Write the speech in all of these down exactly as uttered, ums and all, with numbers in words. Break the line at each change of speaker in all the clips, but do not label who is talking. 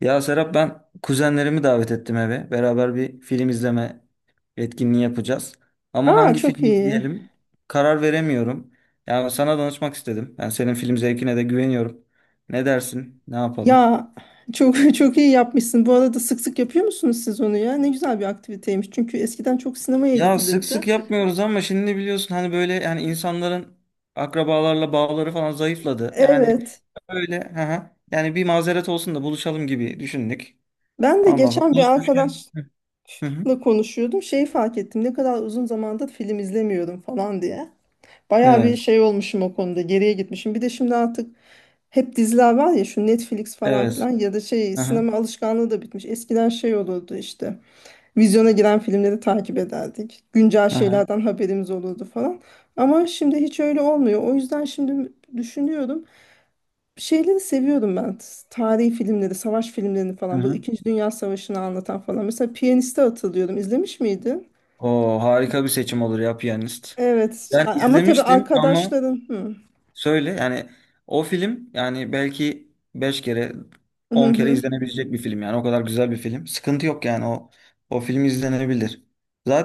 Ya Serap, ben kuzenlerimi davet ettim eve. Beraber bir film izleme etkinliği yapacağız. Ama
Aa,
hangi
çok
filmi
iyi.
izleyelim? Karar veremiyorum. Ya sana danışmak istedim. Ben senin film zevkine de güveniyorum. Ne dersin? Ne yapalım?
Ya çok çok iyi yapmışsın. Bu arada sık sık yapıyor musunuz siz onu ya? Ne güzel bir aktiviteymiş. Çünkü eskiden çok sinemaya
Ya sık
gidilirdi.
sık yapmıyoruz ama şimdi biliyorsun hani böyle yani insanların akrabalarla bağları falan zayıfladı. Yani
Evet.
böyle, hı hı, yani bir mazeret olsun da buluşalım gibi düşündük.
Ben de
Ondan sonra
geçen bir
buluşmuşken.
arkadaşla
Hı hı.
konuşuyordum. Şeyi fark ettim. Ne kadar uzun zamandır film izlemiyorum falan diye. Bayağı bir
Evet.
şey olmuşum o konuda. Geriye gitmişim. Bir de şimdi artık hep diziler var ya, şu Netflix falan
Evet.
filan, ya da şey,
Aha,
sinema alışkanlığı da bitmiş. Eskiden şey olurdu işte. Vizyona giren filmleri takip ederdik. Güncel
aha,
şeylerden haberimiz olurdu falan. Ama şimdi hiç öyle olmuyor. O yüzden şimdi düşünüyorum. Şeyleri seviyorum ben. Tarihi filmleri, savaş filmlerini falan. Bu
aha.
İkinci Dünya Savaşı'nı anlatan falan. Mesela Piyanist'i hatırlıyorum. İzlemiş miydin?
O harika bir seçim olur ya Piyanist.
Evet.
Yani
A- Ama tabii
izlemiştim ama
arkadaşların... Hı.
söyle yani o film yani belki beş kere
Hı
on kere
hı.
izlenebilecek bir film yani o kadar güzel bir film. Sıkıntı yok yani o o film izlenebilir.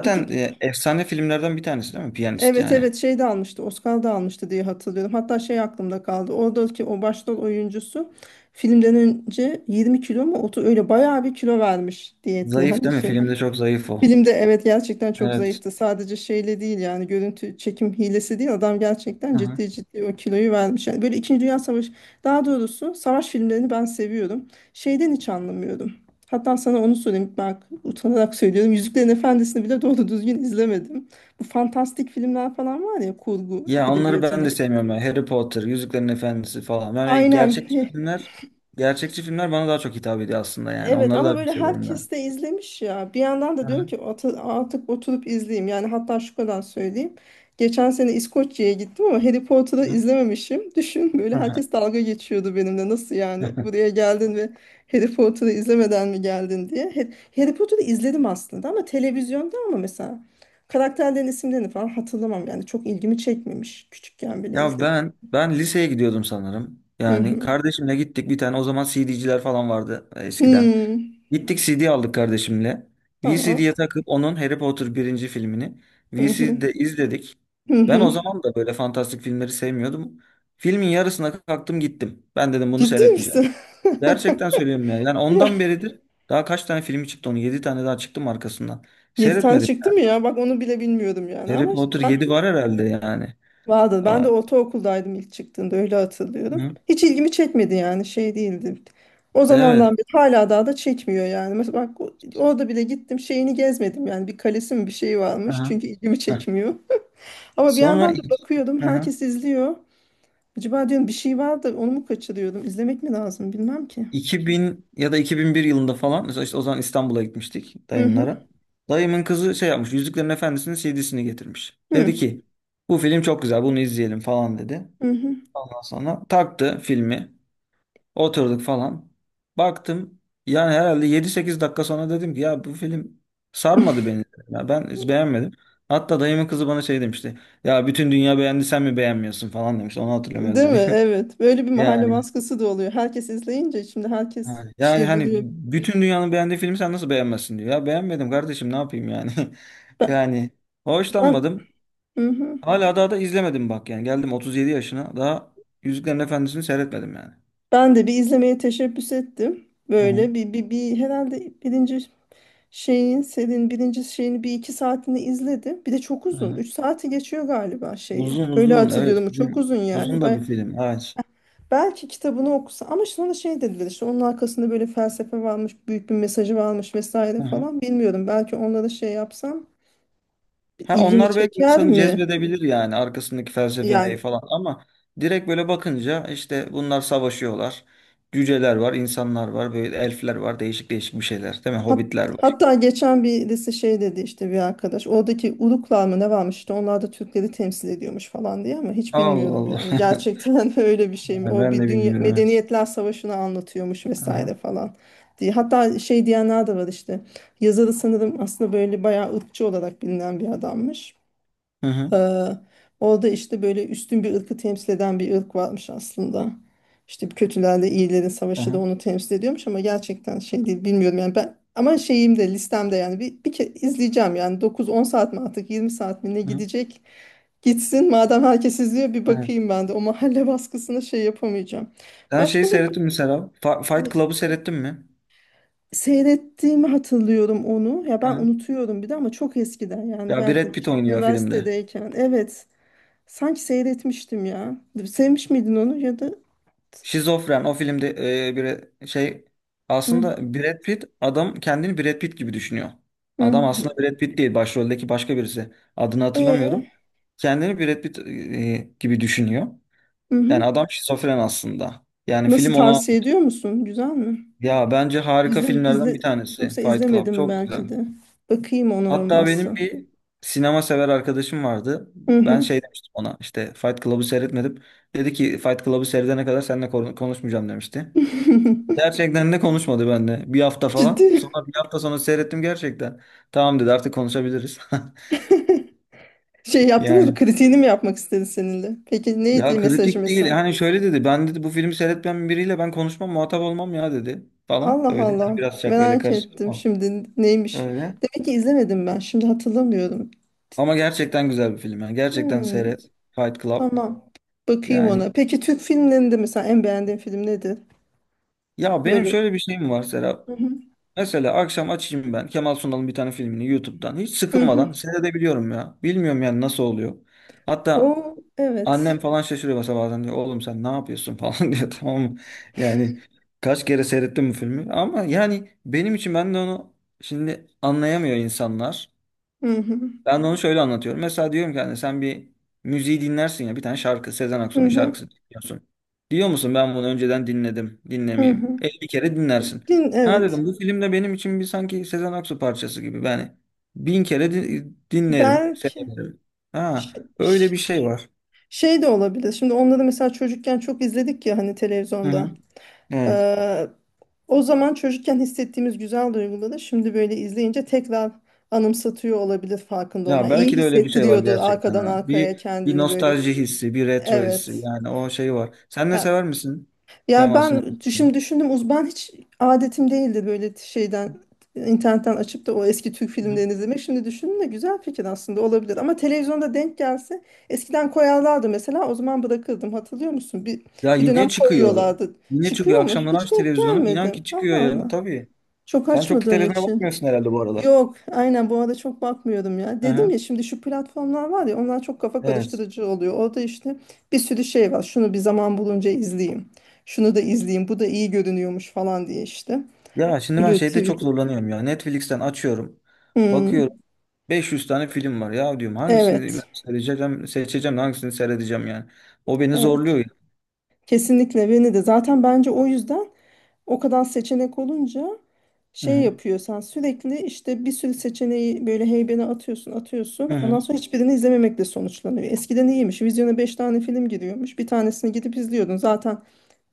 Peki.
e, efsane filmlerden bir tanesi değil mi Piyanist
Evet,
yani.
evet, şey de almıştı, Oscar da almıştı diye hatırlıyorum. Hatta şey aklımda kaldı. Oradaki o başrol oyuncusu filmden önce yirmi kilo mu otu, öyle bayağı bir kilo vermiş diyetle,
Zayıf
hani
değil mi?
şey.
Filmde çok zayıf o.
Filmde evet, gerçekten çok
Evet.
zayıftı. Sadece şeyle değil, yani görüntü çekim hilesi değil. Adam gerçekten
Aha.
ciddi ciddi o kiloyu vermiş. Yani böyle İkinci Dünya Savaşı, daha doğrusu savaş filmlerini ben seviyorum. Şeyden hiç anlamıyorum. Hatta sana onu söyleyeyim. Bak, utanarak söylüyorum. Yüzüklerin Efendisi'ni bile doğru düzgün izlemedim. Bu fantastik filmler falan var ya, kurgu
Ya onları ben
edebiyatına.
de sevmiyorum, ya. Harry Potter, Yüzüklerin Efendisi falan. Yani
Aynen.
gerçekçi filmler, gerçekçi filmler bana daha çok hitap ediyor aslında yani.
Evet
Onları
ama
daha çok
böyle
seviyorum ben.
herkes de izlemiş ya. Bir yandan da diyorum ki, "Atı- artık oturup izleyeyim." Yani hatta şu kadar söyleyeyim. Geçen sene İskoçya'ya gittim ama Harry Potter'ı
Aha.
izlememişim. Düşün, böyle
Aha.
herkes dalga geçiyordu benimle. Nasıl yani, buraya geldin ve Harry Potter'ı izlemeden mi geldin diye. He- Harry Potter'ı izledim aslında ama televizyonda, ama mesela karakterlerin isimlerini falan hatırlamam. Yani çok ilgimi çekmemiş. Küçükken bile
Ya
izledim.
ben ben liseye gidiyordum sanırım.
Hı
Yani
hı.
kardeşimle gittik bir tane, o zaman C D'ciler falan vardı e, eskiden.
Hmm.
Gittik C D aldık kardeşimle.
Tamam.
V C D'ye takıp onun Harry Potter birinci filmini
Hı hı.
V C D'de izledik.
Hı
Ben o
hı.
zaman da böyle fantastik filmleri sevmiyordum. Filmin yarısına kalktım gittim. Ben dedim bunu
Ciddi
seyretmeyeceğim.
misin?
Gerçekten söylüyorum ya. Yani
Ya,
ondan beridir daha kaç tane filmi çıktı onun? Yedi tane daha çıktım arkasından.
yedi tane
Seyretmedim.
çıktı mı ya? Bak, onu bile bilmiyordum yani.
Harry
Ama
Potter
ben
yedi var herhalde yani.
vardı. Ben
Aa,
de ortaokuldaydım ilk çıktığında, öyle hatırlıyorum.
hı.
Hiç ilgimi çekmedi yani, şey değildi. O zamandan
Evet.
beri hala daha da çekmiyor yani. Mesela bak, o- orada bile gittim şeyini gezmedim yani, bir kalesi mi bir şey varmış,
Aha.
çünkü ilgimi
Heh.
çekmiyor. Ama bir
Sonra
yandan da
ik-
bakıyordum,
aha.
herkes izliyor. Acaba diyorum, bir şey var da onu mu kaçırıyordum? İzlemek mi lazım, bilmem ki.
iki bin ya da iki bin bir yılında falan mesela işte o zaman İstanbul'a gitmiştik
Hı hı.
dayımlara. Dayımın kızı şey yapmış, Yüzüklerin Efendisi'nin C D'sini getirmiş.
Hı
Dedi ki bu film çok güzel, bunu izleyelim falan dedi.
hı.
Ondan sonra taktı filmi, oturduk falan. Baktım yani herhalde yedi sekiz dakika sonra dedim ki ya bu film sarmadı beni. Ya ben hiç beğenmedim. Hatta dayımın kızı bana şey demişti. Ya bütün dünya beğendi, sen mi beğenmiyorsun falan demiş. Onu hatırlıyorum, öyle
Değil mi?
dedi.
Evet. Böyle bir mahalle
Yani.
baskısı da oluyor. Herkes izleyince şimdi herkes
Ha,
bir
yani
şey
hani
buluyor.
bütün dünyanın beğendiği filmi sen nasıl beğenmezsin diyor. Ya beğenmedim kardeşim, ne yapayım yani.
Ben
Yani
ben,
hoşlanmadım.
hı hı.
Hala daha da izlemedim bak yani. Geldim otuz yedi yaşına daha Yüzüklerin Efendisi'ni seyretmedim yani.
Ben de bir izlemeye teşebbüs ettim.
Hı hı.
Böyle bir, bir, bir herhalde birinci şeyin, serinin birinci şeyini bir iki saatini izledim. Bir de çok uzun.
Hı.
Üç saati geçiyor galiba şeyi.
Uzun
Öyle
uzun, evet.
hatırlıyorum. Çok
Film,
uzun
uzun
yani.
da bir
Ben,
film. Evet.
belki kitabını okusa, ama sonra şey dediler işte, onun arkasında böyle felsefe varmış, büyük bir mesajı varmış vesaire
Hı hı.
falan. Bilmiyorum. Belki onlara şey yapsam
Ha,
ilgimi
onlar belki
çeker
insanı
mi?
cezbedebilir yani arkasındaki felsefe neyi
Yani
falan, ama direkt böyle bakınca işte bunlar savaşıyorlar. Cüceler var, insanlar var, böyle elfler var, değişik değişik bir şeyler, değil mi?
hat-
Hobbitler.
hatta geçen birisi şey dedi, işte bir arkadaş, oradaki Uruklar mı ne varmış, işte onlar da Türkleri temsil ediyormuş falan diye, ama hiç
Allah
bilmiyorum yani
Allah.
gerçekten. Öyle bir şey mi
Ha,
o,
ben de
bir dünya
bilmiyorum, evet.
medeniyetler savaşını anlatıyormuş vesaire
Aha.
falan diye. Hatta şey diyenler de var işte, yazarı sanırım aslında böyle bayağı ırkçı olarak bilinen bir adammış.
Hı hı.
Ee, orada işte böyle üstün bir ırkı temsil eden bir ırk varmış aslında. İşte kötülerle iyilerin savaşı da
Aha.
onu temsil ediyormuş, ama gerçekten şey değil, bilmiyorum yani ben. Ama şeyim de listemde yani, bir, bir kere izleyeceğim yani, dokuz on saat mi artık, yirmi saat mi, ne
Hı hı.
gidecek gitsin, madem herkes izliyor bir
Evet.
bakayım, ben de o mahalle baskısına şey yapamayacağım.
Sen şeyi
Başka da
seyrettin mi Serap? Fa- Fight
ne-
Club'ı seyrettin mi?
seyrettiğimi hatırlıyorum onu ya, ben
Hı.
unutuyorum bir de, ama çok eskiden yani,
Ya Brad
belki de
Pitt
işte
oynuyor filmde.
üniversitedeyken, evet. Sanki seyretmiştim ya. Sevmiş miydin onu, ya da...
Şizofren o filmde, e, bir şey
Hı,
aslında, Brad Pitt adam kendini Brad Pitt gibi düşünüyor. Adam
hı.
aslında Brad Pitt değil, başroldeki başka birisi. Adını
E,
hatırlamıyorum. Kendini Brad Pitt e, gibi düşünüyor.
hı
Yani
hı.
adam şizofren aslında. Yani
Nasıl,
film ona,
tavsiye ediyor musun? Güzel mi?
ya bence harika
İzle,
filmlerden bir
izle,
tanesi
yoksa
Fight Club.
izlemedim
Çok
belki
güzel.
de. Bakayım ona
Hatta benim
olmazsa.
bir sinema sever arkadaşım vardı.
Hı
Ben
hı.
şey demiştim ona, işte Fight Club'ı seyretmedim. Dedi ki Fight Club'ı seyredene kadar seninle kon- konuşmayacağım demişti. Gerçekten de konuşmadı benimle. Bir hafta
Ciddi.
falan. Sonra bir hafta sonra seyrettim gerçekten. Tamam dedi, artık konuşabiliriz.
Şey yaptınız mı?
Yani,
Kritiğini mi yapmak istedi seninle? Peki
ya
neydi mesajı
kritik değil.
mesela?
Hani şöyle dedi. Ben dedi bu filmi seyretmeyen biriyle ben konuşmam, muhatap olmam ya dedi. Falan
Allah
öyle. Yani
Allah.
biraz şakayla
Merak
karışık,
ettim
ama
şimdi neymiş.
öyle.
Demek ki izlemedim ben. Şimdi hatırlamıyorum.
Ama gerçekten güzel bir film. Yani gerçekten
Hmm.
seyret, Fight Club.
Tamam. Bakayım
Yani,
ona. Peki Türk filmlerinde mesela en beğendiğin film nedir?
ya benim
Böyle.
şöyle bir şeyim var Serap.
Hı hı.
Mesela akşam açayım ben Kemal Sunal'ın bir tane filmini YouTube'dan. Hiç
Hı hı.
sıkılmadan seyredebiliyorum ya. Bilmiyorum yani nasıl oluyor. Hatta
O
annem
evet.
falan şaşırıyor mesela, bazen diyor. Oğlum sen ne yapıyorsun falan diyor, tamam mı? Yani kaç kere seyrettim bu filmi. Ama yani benim için, ben de onu şimdi anlayamıyor insanlar.
Hı hı.
Ben de onu şöyle anlatıyorum. Mesela diyorum ki hani sen bir müziği dinlersin ya, bir tane şarkı, Sezen
Hı
Aksu'nun
hı.
şarkısı dinliyorsun. Diyor musun ben bunu önceden dinledim,
Hı
dinlemeyeyim.
hı.
Elli kere dinlersin.
Din
Ha
evet.
dedim, bu filmde benim için bir sanki Sezen Aksu parçası gibi. Yani bin kere di- dinlerim,
Belki
severim. Ha,
ş-
öyle
ş-
bir şey var.
şey de olabilir. Şimdi onları mesela çocukken çok izledik ya hani,
Hı
televizyonda.
hı. Evet.
Ee, o zaman çocukken hissettiğimiz güzel duyguları şimdi böyle izleyince tekrar anımsatıyor olabilir, farkında
Ya
olmayan. İyi
belki de öyle bir şey var
hissettiriyordur
gerçekten,
arkadan
ha.
arkaya
Bir bir
kendini böyle.
nostalji hissi, bir retro hissi,
Evet.
yani o şey var. Sen ne,
Ya,
sever misin
yani
Kemal Sunal?
ben şimdi düşündüm, uzman hiç adetim değildi böyle şeyden, internetten açıp da o eski Türk filmlerini izlemek. Şimdi düşündüm de güzel fikir aslında, olabilir. Ama televizyonda denk gelse, eskiden koyarlardı mesela, o zaman bırakırdım, hatırlıyor musun? Bir,
Ya
bir dönem
yine çıkıyor.
koyuyorlardı.
Yine
Çıkıyor
çıkıyor.
mu?
Akşamları
Hiç
aç
denk
televizyonu. İnan
gelmedim.
ki çıkıyor
Allah
ya.
Allah.
Tabii.
Çok
Sen çok
açmadığım
televizyona
için.
bakmıyorsun herhalde bu aralar.
Yok, aynen bu arada çok bakmıyordum ya.
Hı
Dedim
hı.
ya, şimdi şu platformlar var ya, onlar çok kafa
Evet.
karıştırıcı oluyor. Orada işte bir sürü şey var. Şunu bir, zaman bulunca izleyeyim. Şunu da izleyeyim. Bu da iyi görünüyormuş falan diye işte.
Ya şimdi ben
Blue
şeyde çok
T V'de.
zorlanıyorum ya. Netflix'ten açıyorum. Bakıyorum.
Hmm,
beş yüz tane film var. Ya diyorum hangisini ben
evet.
seçeceğim, seçeceğim de hangisini seyredeceğim yani. O beni
Evet.
zorluyor ya.
Kesinlikle beni de. Zaten bence o yüzden, o kadar seçenek olunca
Hı
şey
hı.
yapıyor, sen sürekli işte bir sürü seçeneği böyle heybene atıyorsun
Hı
atıyorsun.
hı.
Ondan sonra hiçbirini izlememekle sonuçlanıyor. Eskiden iyiymiş. Vizyona beş tane film giriyormuş. Bir tanesini gidip izliyordun. Zaten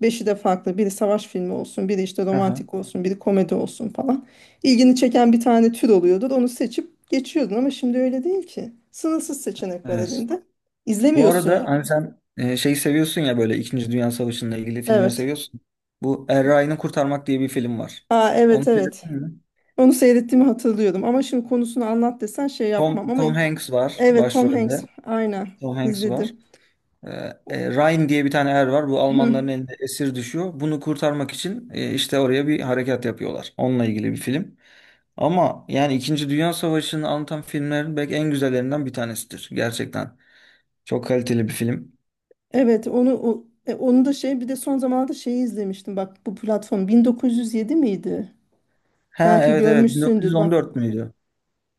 beşi de farklı. Biri savaş filmi olsun, biri işte
Hı hı.
romantik olsun, biri komedi olsun falan. İlgini çeken bir tane tür oluyordu. Onu seçip geçiyordun, ama şimdi öyle değil ki. Sınırsız seçenek var
Evet.
elinde.
Bu
İzlemiyorsun
arada
ya.
hani sen, e, şeyi seviyorsun ya, böyle İkinci Dünya Savaşı'nla ilgili filmleri
Evet.
seviyorsun. Bu Er Ryan'ı Kurtarmak diye bir film var.
Aa,
Onu
evet, evet.
seyrettin mi?
Onu seyrettiğimi hatırlıyorum ama şimdi konusunu anlat desen şey yapmam,
Tom,
ama
Tom Hanks var
evet, Tom
başrolde.
Hanks, aynen,
Tom Hanks var.
izledim.
Ee,
O-
e, Ryan diye bir tane er var. Bu
Hı.
Almanların elinde esir düşüyor. Bunu kurtarmak için e, işte oraya bir harekat yapıyorlar. Onunla ilgili bir film. Ama yani İkinci Dünya Savaşı'nı anlatan filmlerin belki en güzellerinden bir tanesidir. Gerçekten. Çok kaliteli bir film.
Evet, onu o- e, onu da şey, bir de son zamanlarda şeyi izlemiştim, bak bu platform, bin dokuz yüz yedi miydi?
Ha
Belki
evet evet,
görmüşsündür, bak
bin dokuz yüz on dört müydü?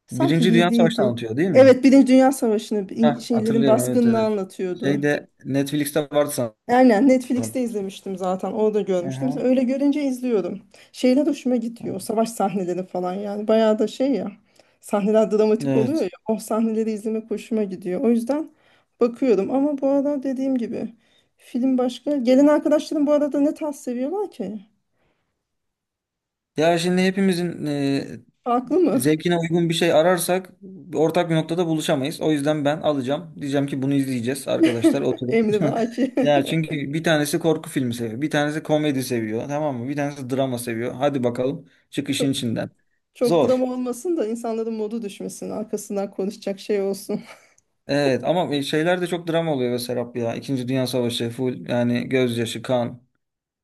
sanki
Birinci Dünya
yedi
Savaşı'nı
idi.
anlatıyor değil mi?
Evet, Birinci Dünya Savaşı'nı, in-
Ha,
şeylerin
hatırlıyorum, evet
baskınını
evet.
anlatıyordu.
Şeyde Netflix'te vardı
Aynen, Netflix'te
sanırım.
izlemiştim zaten. Orada görmüştüm. Mesela
Aha.
öyle görünce izliyorum. Şeyler hoşuma gidiyor. Savaş sahneleri falan yani. Bayağı da şey ya. Sahneler dramatik oluyor ya.
Evet.
O sahneleri izlemek hoşuma gidiyor. O yüzden bakıyorum. Ama bu arada dediğim gibi, film başka. Gelen arkadaşlarım bu arada ne tarz seviyorlar ki?
Ya şimdi hepimizin e,
Farklı mı?
zevkine uygun bir şey ararsak ortak bir noktada buluşamayız. O yüzden ben alacağım. Diyeceğim ki bunu izleyeceğiz arkadaşlar, oturun.
Emri belki.
Ya çünkü bir tanesi korku filmi seviyor. Bir tanesi komedi seviyor. Tamam mı? Bir tanesi drama seviyor. Hadi bakalım, çık işin
Çok,
içinden.
çok
Zor.
drama olmasın da insanların modu düşmesin. Arkasından konuşacak şey olsun.
Evet ama e, şeyler de çok drama oluyor be Serap ya. İkinci Dünya Savaşı full yani, gözyaşı, kan,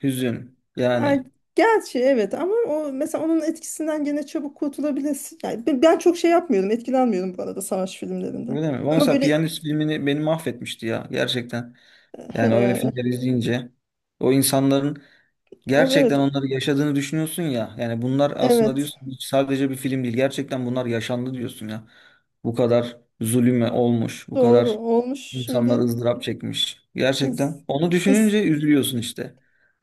hüzün yani.
Ay, gerçi evet, ama o mesela onun etkisinden gene çabuk kurtulabilirsin. Yani ben, ben çok şey yapmıyorum, etkilenmiyorum bu arada savaş filmlerinden.
Öyle mi? Ama
Ama
mesela
böyle
Piyanist filmini, beni mahvetmişti ya gerçekten. Yani öyle
eee,
filmler izleyince o insanların
o evet,
gerçekten onları yaşadığını düşünüyorsun ya. Yani bunlar aslında
evet,
diyorsun hiç sadece bir film değil. Gerçekten bunlar yaşandı diyorsun ya. Bu kadar zulüm olmuş, bu
doğru,
kadar
olmuş
insanlar
şimdi,
ızdırap çekmiş.
ins-
Gerçekten onu
ins-
düşününce üzülüyorsun işte.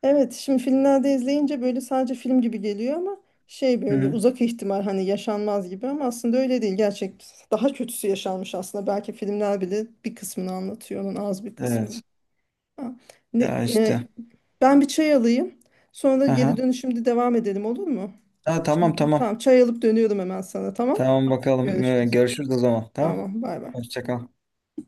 evet şimdi filmlerde izleyince böyle sadece film gibi geliyor, ama şey,
Hı
böyle
hı.
uzak ihtimal, hani yaşanmaz gibi, ama aslında öyle değil, gerçek daha kötüsü yaşanmış aslında, belki filmler bile bir kısmını anlatıyor onun, az bir kısmını.
Evet.
Ha. Ne,
Ya
e,
işte.
ben bir çay alayım. Sonra da geri
Aha.
dönüşümde devam edelim, olur mu?
Ha, tamam
Şimdi bir,
tamam.
tamam, çay alıp dönüyorum hemen sana, tamam.
Tamam bakalım. Ee,
Görüşürüz.
görüşürüz o zaman. Tamam.
Tamam, bay bay.
Hoşça kal.